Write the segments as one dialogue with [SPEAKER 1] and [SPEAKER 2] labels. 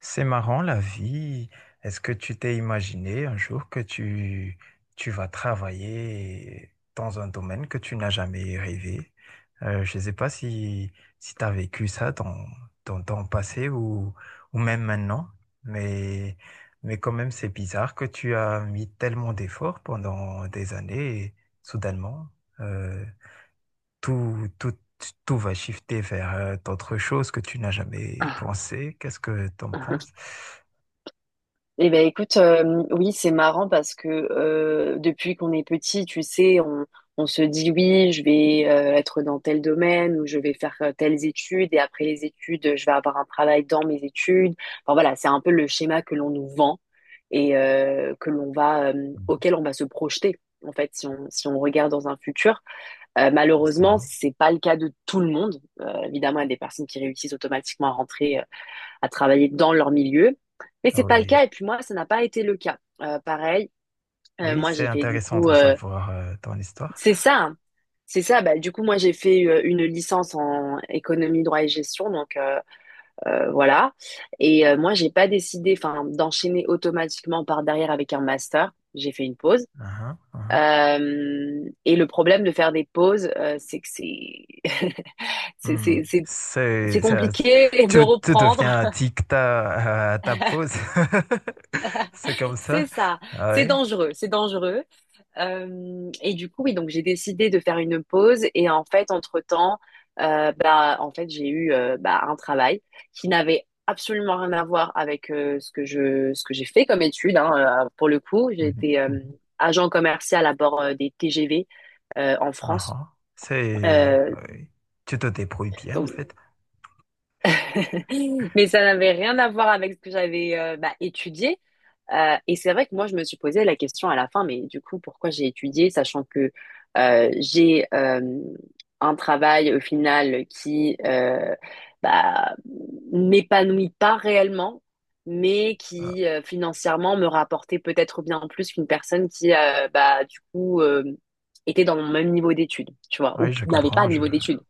[SPEAKER 1] C'est marrant la vie. Est-ce que tu t'es imaginé un jour que tu vas travailler dans un domaine que tu n'as jamais rêvé? Je ne sais pas si tu as vécu ça dans ton passé ou même maintenant, mais, mais quand même c'est bizarre que tu as mis tellement d'efforts pendant des années et soudainement, euh, tout, tout, tout va shifter vers d'autres choses que tu n'as jamais
[SPEAKER 2] Ah.
[SPEAKER 1] pensé. Qu'est-ce que tu en penses,
[SPEAKER 2] Eh ben écoute, oui, c'est marrant parce que depuis qu'on est petit, tu sais, on se dit oui, je vais être dans tel domaine ou je vais faire telles études et après les études, je vais avoir un travail dans mes études. Enfin voilà, c'est un peu le schéma que l'on nous vend et que l'on va, auquel on va se projeter. En fait, si on regarde dans un futur. Malheureusement,
[SPEAKER 1] justement?
[SPEAKER 2] c'est pas le cas de tout le monde. Évidemment, il y a des personnes qui réussissent automatiquement à rentrer à travailler dans leur milieu. Mais
[SPEAKER 1] Ah
[SPEAKER 2] c'est pas le
[SPEAKER 1] oui,
[SPEAKER 2] cas. Et puis moi, ça n'a pas été le cas. Pareil,
[SPEAKER 1] oui,
[SPEAKER 2] moi
[SPEAKER 1] c'est
[SPEAKER 2] j'ai fait du
[SPEAKER 1] intéressant
[SPEAKER 2] coup,
[SPEAKER 1] de savoir ton histoire.
[SPEAKER 2] c'est ça, hein. C'est ça. Bah, du coup, moi j'ai fait une licence en économie, droit et gestion. Donc, voilà. Et moi j'ai pas décidé, enfin, d'enchaîner automatiquement par derrière avec un master. J'ai fait une pause.
[SPEAKER 1] Uhum, uhum.
[SPEAKER 2] Et le problème de faire des pauses, c'est que c'est c'est
[SPEAKER 1] Hmm.
[SPEAKER 2] c'est c'est c'est compliqué de
[SPEAKER 1] Tu
[SPEAKER 2] reprendre.
[SPEAKER 1] deviens addict à ta pause. C'est comme
[SPEAKER 2] C'est
[SPEAKER 1] ça.
[SPEAKER 2] ça.
[SPEAKER 1] Ah
[SPEAKER 2] C'est
[SPEAKER 1] oui.
[SPEAKER 2] dangereux, c'est dangereux. Et du coup, oui, donc j'ai décidé de faire une pause. Et en fait, entre-temps, bah, en fait, j'ai eu bah, un travail qui n'avait absolument rien à voir avec ce que ce que j'ai fait comme étude, hein. Pour le coup, j'ai
[SPEAKER 1] Mhm,
[SPEAKER 2] été
[SPEAKER 1] mhm.
[SPEAKER 2] agent commercial à bord des TGV en France.
[SPEAKER 1] Uhum. C'est,
[SPEAKER 2] Euh,
[SPEAKER 1] oui. Tu te débrouilles bien, en
[SPEAKER 2] donc,
[SPEAKER 1] fait.
[SPEAKER 2] mais ça n'avait rien à voir avec ce que j'avais bah, étudié. Et c'est vrai que moi, je me suis posé la question à la fin, mais du coup, pourquoi j'ai étudié, sachant que j'ai un travail au final qui bah, m'épanouit pas réellement, mais
[SPEAKER 1] Ah,
[SPEAKER 2] qui financièrement me rapportait peut-être bien plus qu'une personne qui bah, du coup, était dans mon même niveau d'études, tu vois,
[SPEAKER 1] oui,
[SPEAKER 2] ou
[SPEAKER 1] je
[SPEAKER 2] n'avait pas
[SPEAKER 1] comprends.
[SPEAKER 2] de
[SPEAKER 1] Je...
[SPEAKER 2] niveau d'études.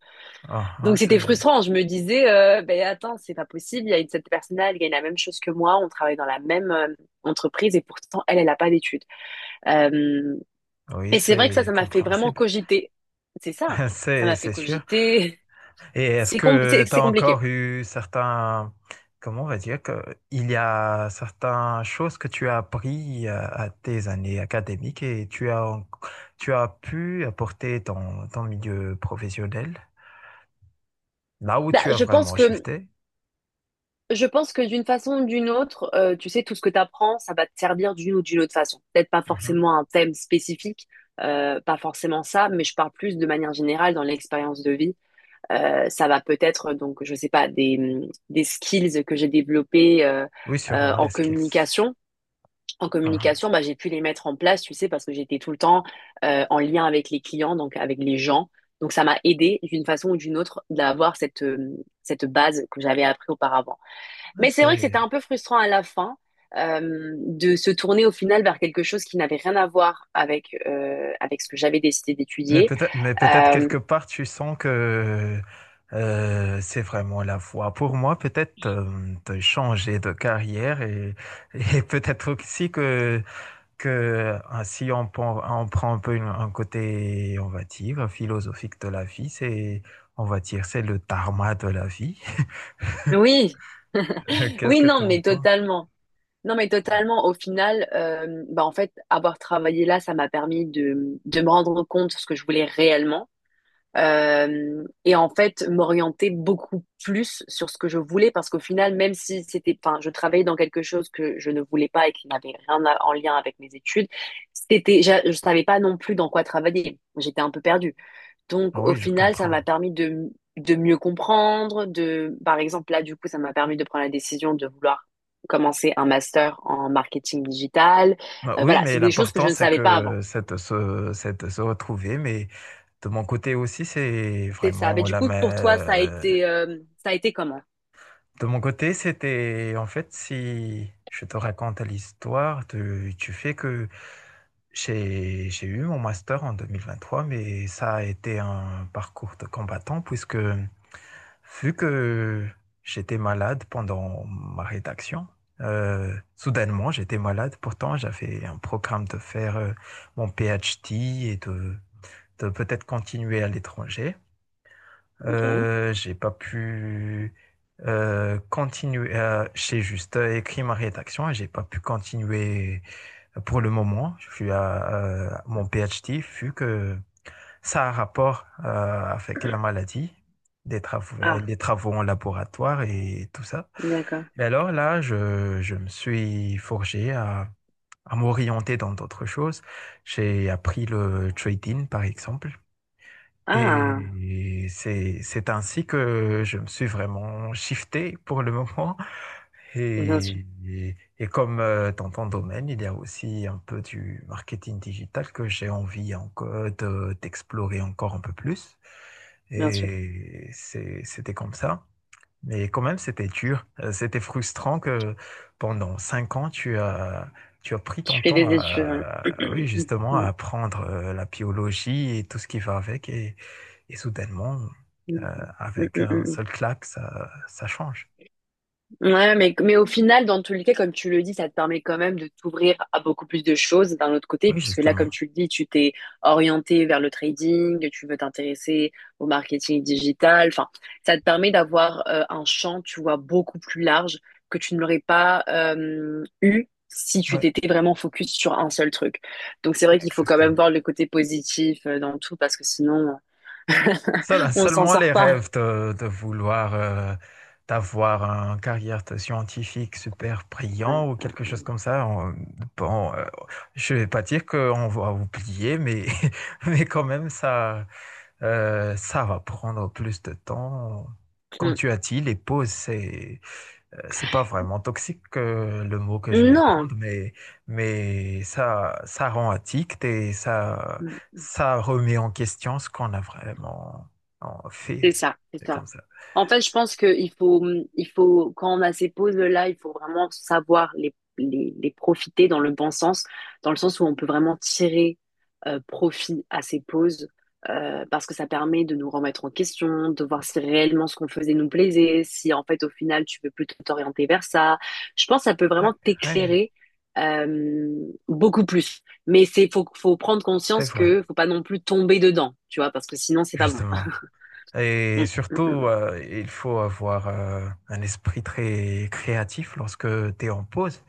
[SPEAKER 1] Uhum,
[SPEAKER 2] Donc c'était
[SPEAKER 1] c'est...
[SPEAKER 2] frustrant. Je me disais, ben attends, c'est pas possible. Il y a une, cette personne-là, elle gagne la même chose que moi. On travaille dans la même entreprise et pourtant elle, elle n'a pas d'études. Euh,
[SPEAKER 1] Oui,
[SPEAKER 2] et c'est vrai que ça,
[SPEAKER 1] c'est
[SPEAKER 2] ça m'a fait vraiment
[SPEAKER 1] compréhensible,
[SPEAKER 2] cogiter. C'est ça. Ça
[SPEAKER 1] c'est
[SPEAKER 2] m'a fait
[SPEAKER 1] c'est sûr.
[SPEAKER 2] cogiter.
[SPEAKER 1] Et est-ce que
[SPEAKER 2] C'est
[SPEAKER 1] tu as
[SPEAKER 2] compliqué.
[SPEAKER 1] encore eu certains, comment on va dire, que, il y a certaines choses que tu as appris à tes années académiques et tu as, tu as pu apporter ton milieu professionnel, là où
[SPEAKER 2] Bah,
[SPEAKER 1] tu as
[SPEAKER 2] je pense
[SPEAKER 1] vraiment
[SPEAKER 2] que
[SPEAKER 1] shifté?
[SPEAKER 2] d'une façon ou d'une autre, tu sais, tout ce que tu apprends, ça va te servir d'une ou d'une autre façon. Peut-être pas
[SPEAKER 1] Mhm.
[SPEAKER 2] forcément un thème spécifique, pas forcément ça, mais je parle plus de manière générale dans l'expérience de vie. Ça va peut-être, donc, je sais pas, des skills que j'ai développés
[SPEAKER 1] Oui, sûrement,
[SPEAKER 2] en
[SPEAKER 1] les skills.
[SPEAKER 2] communication. En
[SPEAKER 1] Mhm. Ah,
[SPEAKER 2] communication, bah, j'ai pu les mettre en place, tu sais, parce que j'étais tout le temps en lien avec les clients, donc avec les gens. Donc, ça m'a aidé d'une façon ou d'une autre d'avoir cette base que j'avais appris auparavant.
[SPEAKER 1] ouais,
[SPEAKER 2] Mais c'est vrai que
[SPEAKER 1] c'est...
[SPEAKER 2] c'était un peu frustrant à la fin de se tourner au final vers quelque chose qui n'avait rien à voir avec ce que j'avais décidé
[SPEAKER 1] Mais
[SPEAKER 2] d'étudier.
[SPEAKER 1] peut-être
[SPEAKER 2] Euh,
[SPEAKER 1] quelque part, tu sens que c'est vraiment la voie. Pour moi, peut-être de changer de carrière, et peut-être aussi que ah, si on, prend- on prend un peu un côté, on va dire, philosophique de la vie, c'est, on va dire, c'est le dharma de la vie.
[SPEAKER 2] Oui.
[SPEAKER 1] Qu'est-ce
[SPEAKER 2] Oui,
[SPEAKER 1] que tu
[SPEAKER 2] non,
[SPEAKER 1] en
[SPEAKER 2] mais
[SPEAKER 1] penses?
[SPEAKER 2] totalement. Non, mais totalement. Au final, bah, en fait, avoir travaillé là, ça m'a permis de me rendre compte de ce que je voulais réellement. Et en fait, m'orienter beaucoup plus sur ce que je voulais parce qu'au final, même si c'était, enfin, je travaillais dans quelque chose que je ne voulais pas et qui n'avait rien à- en lien avec mes études, c'était, je savais pas non plus dans quoi travailler. J'étais un peu perdue. Donc, au
[SPEAKER 1] Oui, je
[SPEAKER 2] final, ça
[SPEAKER 1] comprends.
[SPEAKER 2] m'a permis de mieux comprendre, de, par exemple, là, du coup, ça m'a permis de prendre la décision de vouloir commencer un master en marketing digital.
[SPEAKER 1] Bah oui,
[SPEAKER 2] Voilà,
[SPEAKER 1] mais
[SPEAKER 2] c'est des choses que
[SPEAKER 1] l'important,
[SPEAKER 2] je ne
[SPEAKER 1] c'est
[SPEAKER 2] savais pas avant.
[SPEAKER 1] que c'est de se retrouver. Mais de mon côté aussi, c'est
[SPEAKER 2] C'est ça. Mais
[SPEAKER 1] vraiment
[SPEAKER 2] du
[SPEAKER 1] la
[SPEAKER 2] coup, pour toi,
[SPEAKER 1] même.
[SPEAKER 2] ça a été comment?
[SPEAKER 1] De mon côté, c'était en fait, si je te raconte l'histoire, tu fais que j'ai eu mon master en 2023, mais ça a été un parcours de combattant puisque vu que j'étais malade pendant ma rédaction, soudainement j'étais malade. Pourtant, j'avais un programme de faire mon PhD et de peut-être continuer à l'étranger.
[SPEAKER 2] Ok.
[SPEAKER 1] J'ai pas pu continuer. J'ai juste écrit ma rédaction et j'ai pas pu continuer pour le moment. Je suis à mon PhD vu que ça a un rapport avec la maladie, des travaux,
[SPEAKER 2] Ah,
[SPEAKER 1] les travaux en laboratoire et tout ça.
[SPEAKER 2] d'accord.
[SPEAKER 1] Mais alors là, je me suis forgé à m'orienter dans d'autres choses. J'ai appris le trading, par exemple.
[SPEAKER 2] Ah,
[SPEAKER 1] Et c'est ainsi que je me suis vraiment shifté pour le moment
[SPEAKER 2] bien sûr,
[SPEAKER 1] et comme dans ton domaine, il y a aussi un peu du marketing digital que j'ai envie encore d'explorer encore un peu plus.
[SPEAKER 2] bien sûr.
[SPEAKER 1] Et c'était comme ça. Mais quand même, c'était dur. C'était frustrant que pendant 5 ans, tu as pris
[SPEAKER 2] Tu
[SPEAKER 1] ton
[SPEAKER 2] fais
[SPEAKER 1] temps
[SPEAKER 2] des études, ouais.
[SPEAKER 1] à, oui, justement, à apprendre la biologie et tout ce qui va avec. Et soudainement, avec un seul claque, ça change.
[SPEAKER 2] Ouais, mais au final, dans tous les cas, comme tu le dis, ça te permet quand même de t'ouvrir à beaucoup plus de choses d'un autre côté,
[SPEAKER 1] Oui,
[SPEAKER 2] puisque là,
[SPEAKER 1] justement.
[SPEAKER 2] comme tu le dis, tu t'es orienté vers le trading, tu veux t'intéresser au marketing digital. Enfin, ça te permet d'avoir un champ, tu vois, beaucoup plus large que tu ne l'aurais pas eu si tu
[SPEAKER 1] Oui.
[SPEAKER 2] t'étais vraiment focus sur un seul truc. Donc, c'est vrai qu'il faut quand même
[SPEAKER 1] Exactement.
[SPEAKER 2] voir le côté positif dans tout, parce que sinon, on s'en
[SPEAKER 1] Seulement
[SPEAKER 2] sort
[SPEAKER 1] les
[SPEAKER 2] pas.
[SPEAKER 1] rêves de vouloir d'avoir une carrière de scientifique super brillant ou quelque chose comme ça. Bon, je vais pas dire qu'on va oublier, mais mais quand même, ça, ça va prendre plus de temps. Comme
[SPEAKER 2] Mm.
[SPEAKER 1] tu as dit, les pauses, c'est pas vraiment toxique le mot que je vais
[SPEAKER 2] Non.
[SPEAKER 1] prendre, mais ça rend addict et
[SPEAKER 2] Mmh.
[SPEAKER 1] ça remet en question ce qu'on a vraiment en fait.
[SPEAKER 2] C'est ça, c'est
[SPEAKER 1] C'est
[SPEAKER 2] ça.
[SPEAKER 1] comme ça.
[SPEAKER 2] En fait, je pense que il faut, quand on a ces pauses-là, il faut vraiment savoir les profiter dans le bon sens, dans le sens où on peut vraiment tirer profit à ces pauses, parce que ça permet de nous remettre en question, de voir si réellement ce qu'on faisait nous plaisait, si en fait au final tu veux plutôt t'orienter vers ça. Je pense que ça peut
[SPEAKER 1] Ouais,
[SPEAKER 2] vraiment
[SPEAKER 1] ouais,
[SPEAKER 2] t'éclairer euh, beaucoup plus. Mais c'est faut prendre
[SPEAKER 1] c'est
[SPEAKER 2] conscience
[SPEAKER 1] vrai,
[SPEAKER 2] que faut pas non plus tomber dedans, tu vois, parce que sinon c'est pas bon.
[SPEAKER 1] justement. Et
[SPEAKER 2] Mm, mm,
[SPEAKER 1] surtout,
[SPEAKER 2] mm.
[SPEAKER 1] il faut avoir un esprit très créatif lorsque tu es en pause,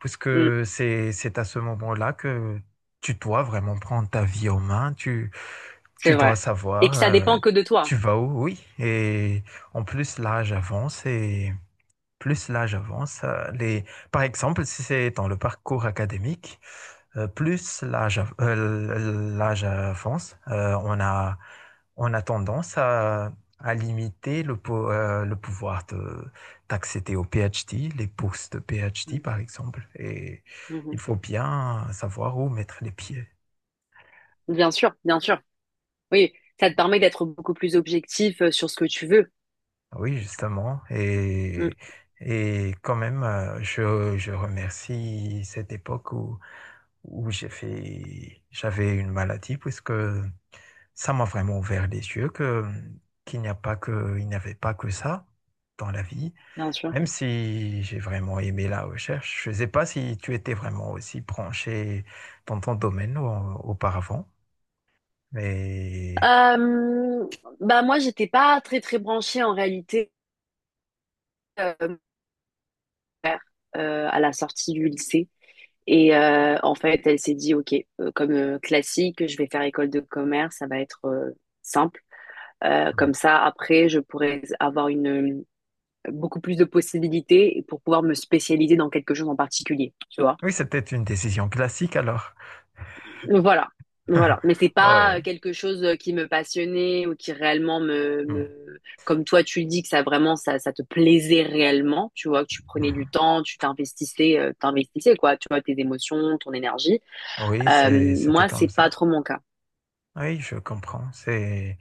[SPEAKER 1] puisque
[SPEAKER 2] Mmh,
[SPEAKER 1] c'est à ce moment-là que tu dois vraiment prendre ta vie en main,
[SPEAKER 2] c'est
[SPEAKER 1] tu dois
[SPEAKER 2] vrai. Et
[SPEAKER 1] savoir,
[SPEAKER 2] que ça dépend que de toi.
[SPEAKER 1] tu vas où, oui. Et en plus, l'âge avance et plus l'âge avance, les... par exemple, si c'est dans le parcours académique, plus l'âge l'âge avance, on a tendance à limiter le, le pouvoir d'accéder au PhD, les bourses de PhD
[SPEAKER 2] Mmh,
[SPEAKER 1] par exemple. Et
[SPEAKER 2] mmh.
[SPEAKER 1] il faut bien savoir où mettre les pieds.
[SPEAKER 2] Bien sûr, bien sûr. Oui, ça te permet d'être beaucoup plus objectif sur ce que tu veux.
[SPEAKER 1] Ah oui, justement.
[SPEAKER 2] Mmh,
[SPEAKER 1] Et quand même, je remercie cette époque où, où j'ai fait, j'avais une maladie puisque ça m'a vraiment ouvert les yeux que qu'il n'y a pas que, il n'y avait pas que ça dans la vie,
[SPEAKER 2] bien sûr.
[SPEAKER 1] même si j'ai vraiment aimé la recherche. Je ne sais pas si tu étais vraiment aussi branché dans ton domaine auparavant, mais
[SPEAKER 2] Euh, Bah moi, j'étais pas très très branchée en réalité mon père, à la sortie du lycée. Et en fait, elle s'est dit, OK, comme classique, je vais faire école de commerce, ça va être simple. Comme ça, après, je pourrais avoir beaucoup plus de possibilités pour pouvoir me spécialiser dans quelque chose en particulier, tu vois.
[SPEAKER 1] oui, c'était une décision classique alors.
[SPEAKER 2] Voilà. Voilà, mais c'est pas
[SPEAKER 1] Oui,
[SPEAKER 2] quelque chose qui me passionnait ou qui réellement
[SPEAKER 1] mm.
[SPEAKER 2] me... comme toi tu le dis que ça vraiment ça te plaisait réellement, tu vois que tu prenais du
[SPEAKER 1] Mhm.
[SPEAKER 2] temps, tu t'investissais, t'investissais quoi, tu vois tes émotions, ton énergie.
[SPEAKER 1] Oui,
[SPEAKER 2] Euh,
[SPEAKER 1] c'était
[SPEAKER 2] Moi c'est
[SPEAKER 1] comme
[SPEAKER 2] pas
[SPEAKER 1] ça.
[SPEAKER 2] trop mon cas.
[SPEAKER 1] Oui, je comprends.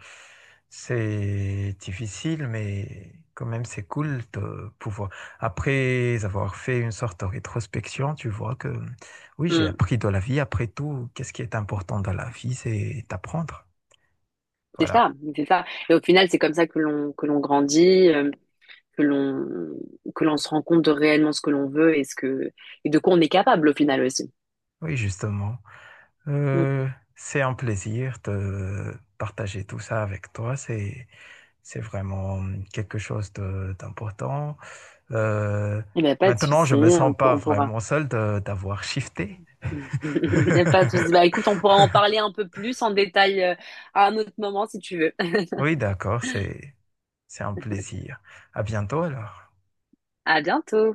[SPEAKER 1] C'est difficile, mais quand même, c'est cool de pouvoir. Après avoir fait une sorte de rétrospection, tu vois que oui, j'ai
[SPEAKER 2] Hmm,
[SPEAKER 1] appris de la vie. Après tout, qu'est-ce qui est important dans la vie, c'est d'apprendre.
[SPEAKER 2] c'est
[SPEAKER 1] Voilà.
[SPEAKER 2] ça, c'est ça. Et au final c'est comme ça que l'on grandit. Que l'on se rend compte de réellement ce que l'on veut et ce que et de quoi on est capable au final aussi.
[SPEAKER 1] Oui, justement.
[SPEAKER 2] Mm.
[SPEAKER 1] Euh, c'est un plaisir de partager tout ça avec toi. C'est vraiment quelque chose d'important. Euh,
[SPEAKER 2] Eh ben pas de
[SPEAKER 1] Maintenant,
[SPEAKER 2] souci,
[SPEAKER 1] je me sens pas
[SPEAKER 2] on pourra.
[SPEAKER 1] vraiment seul d'avoir shifté.
[SPEAKER 2] Il n'y a pas de souci. Bah écoute, on pourra en parler un peu plus en détail à un autre moment si tu veux.
[SPEAKER 1] Oui, d'accord, c'est un plaisir. À bientôt alors.
[SPEAKER 2] À bientôt.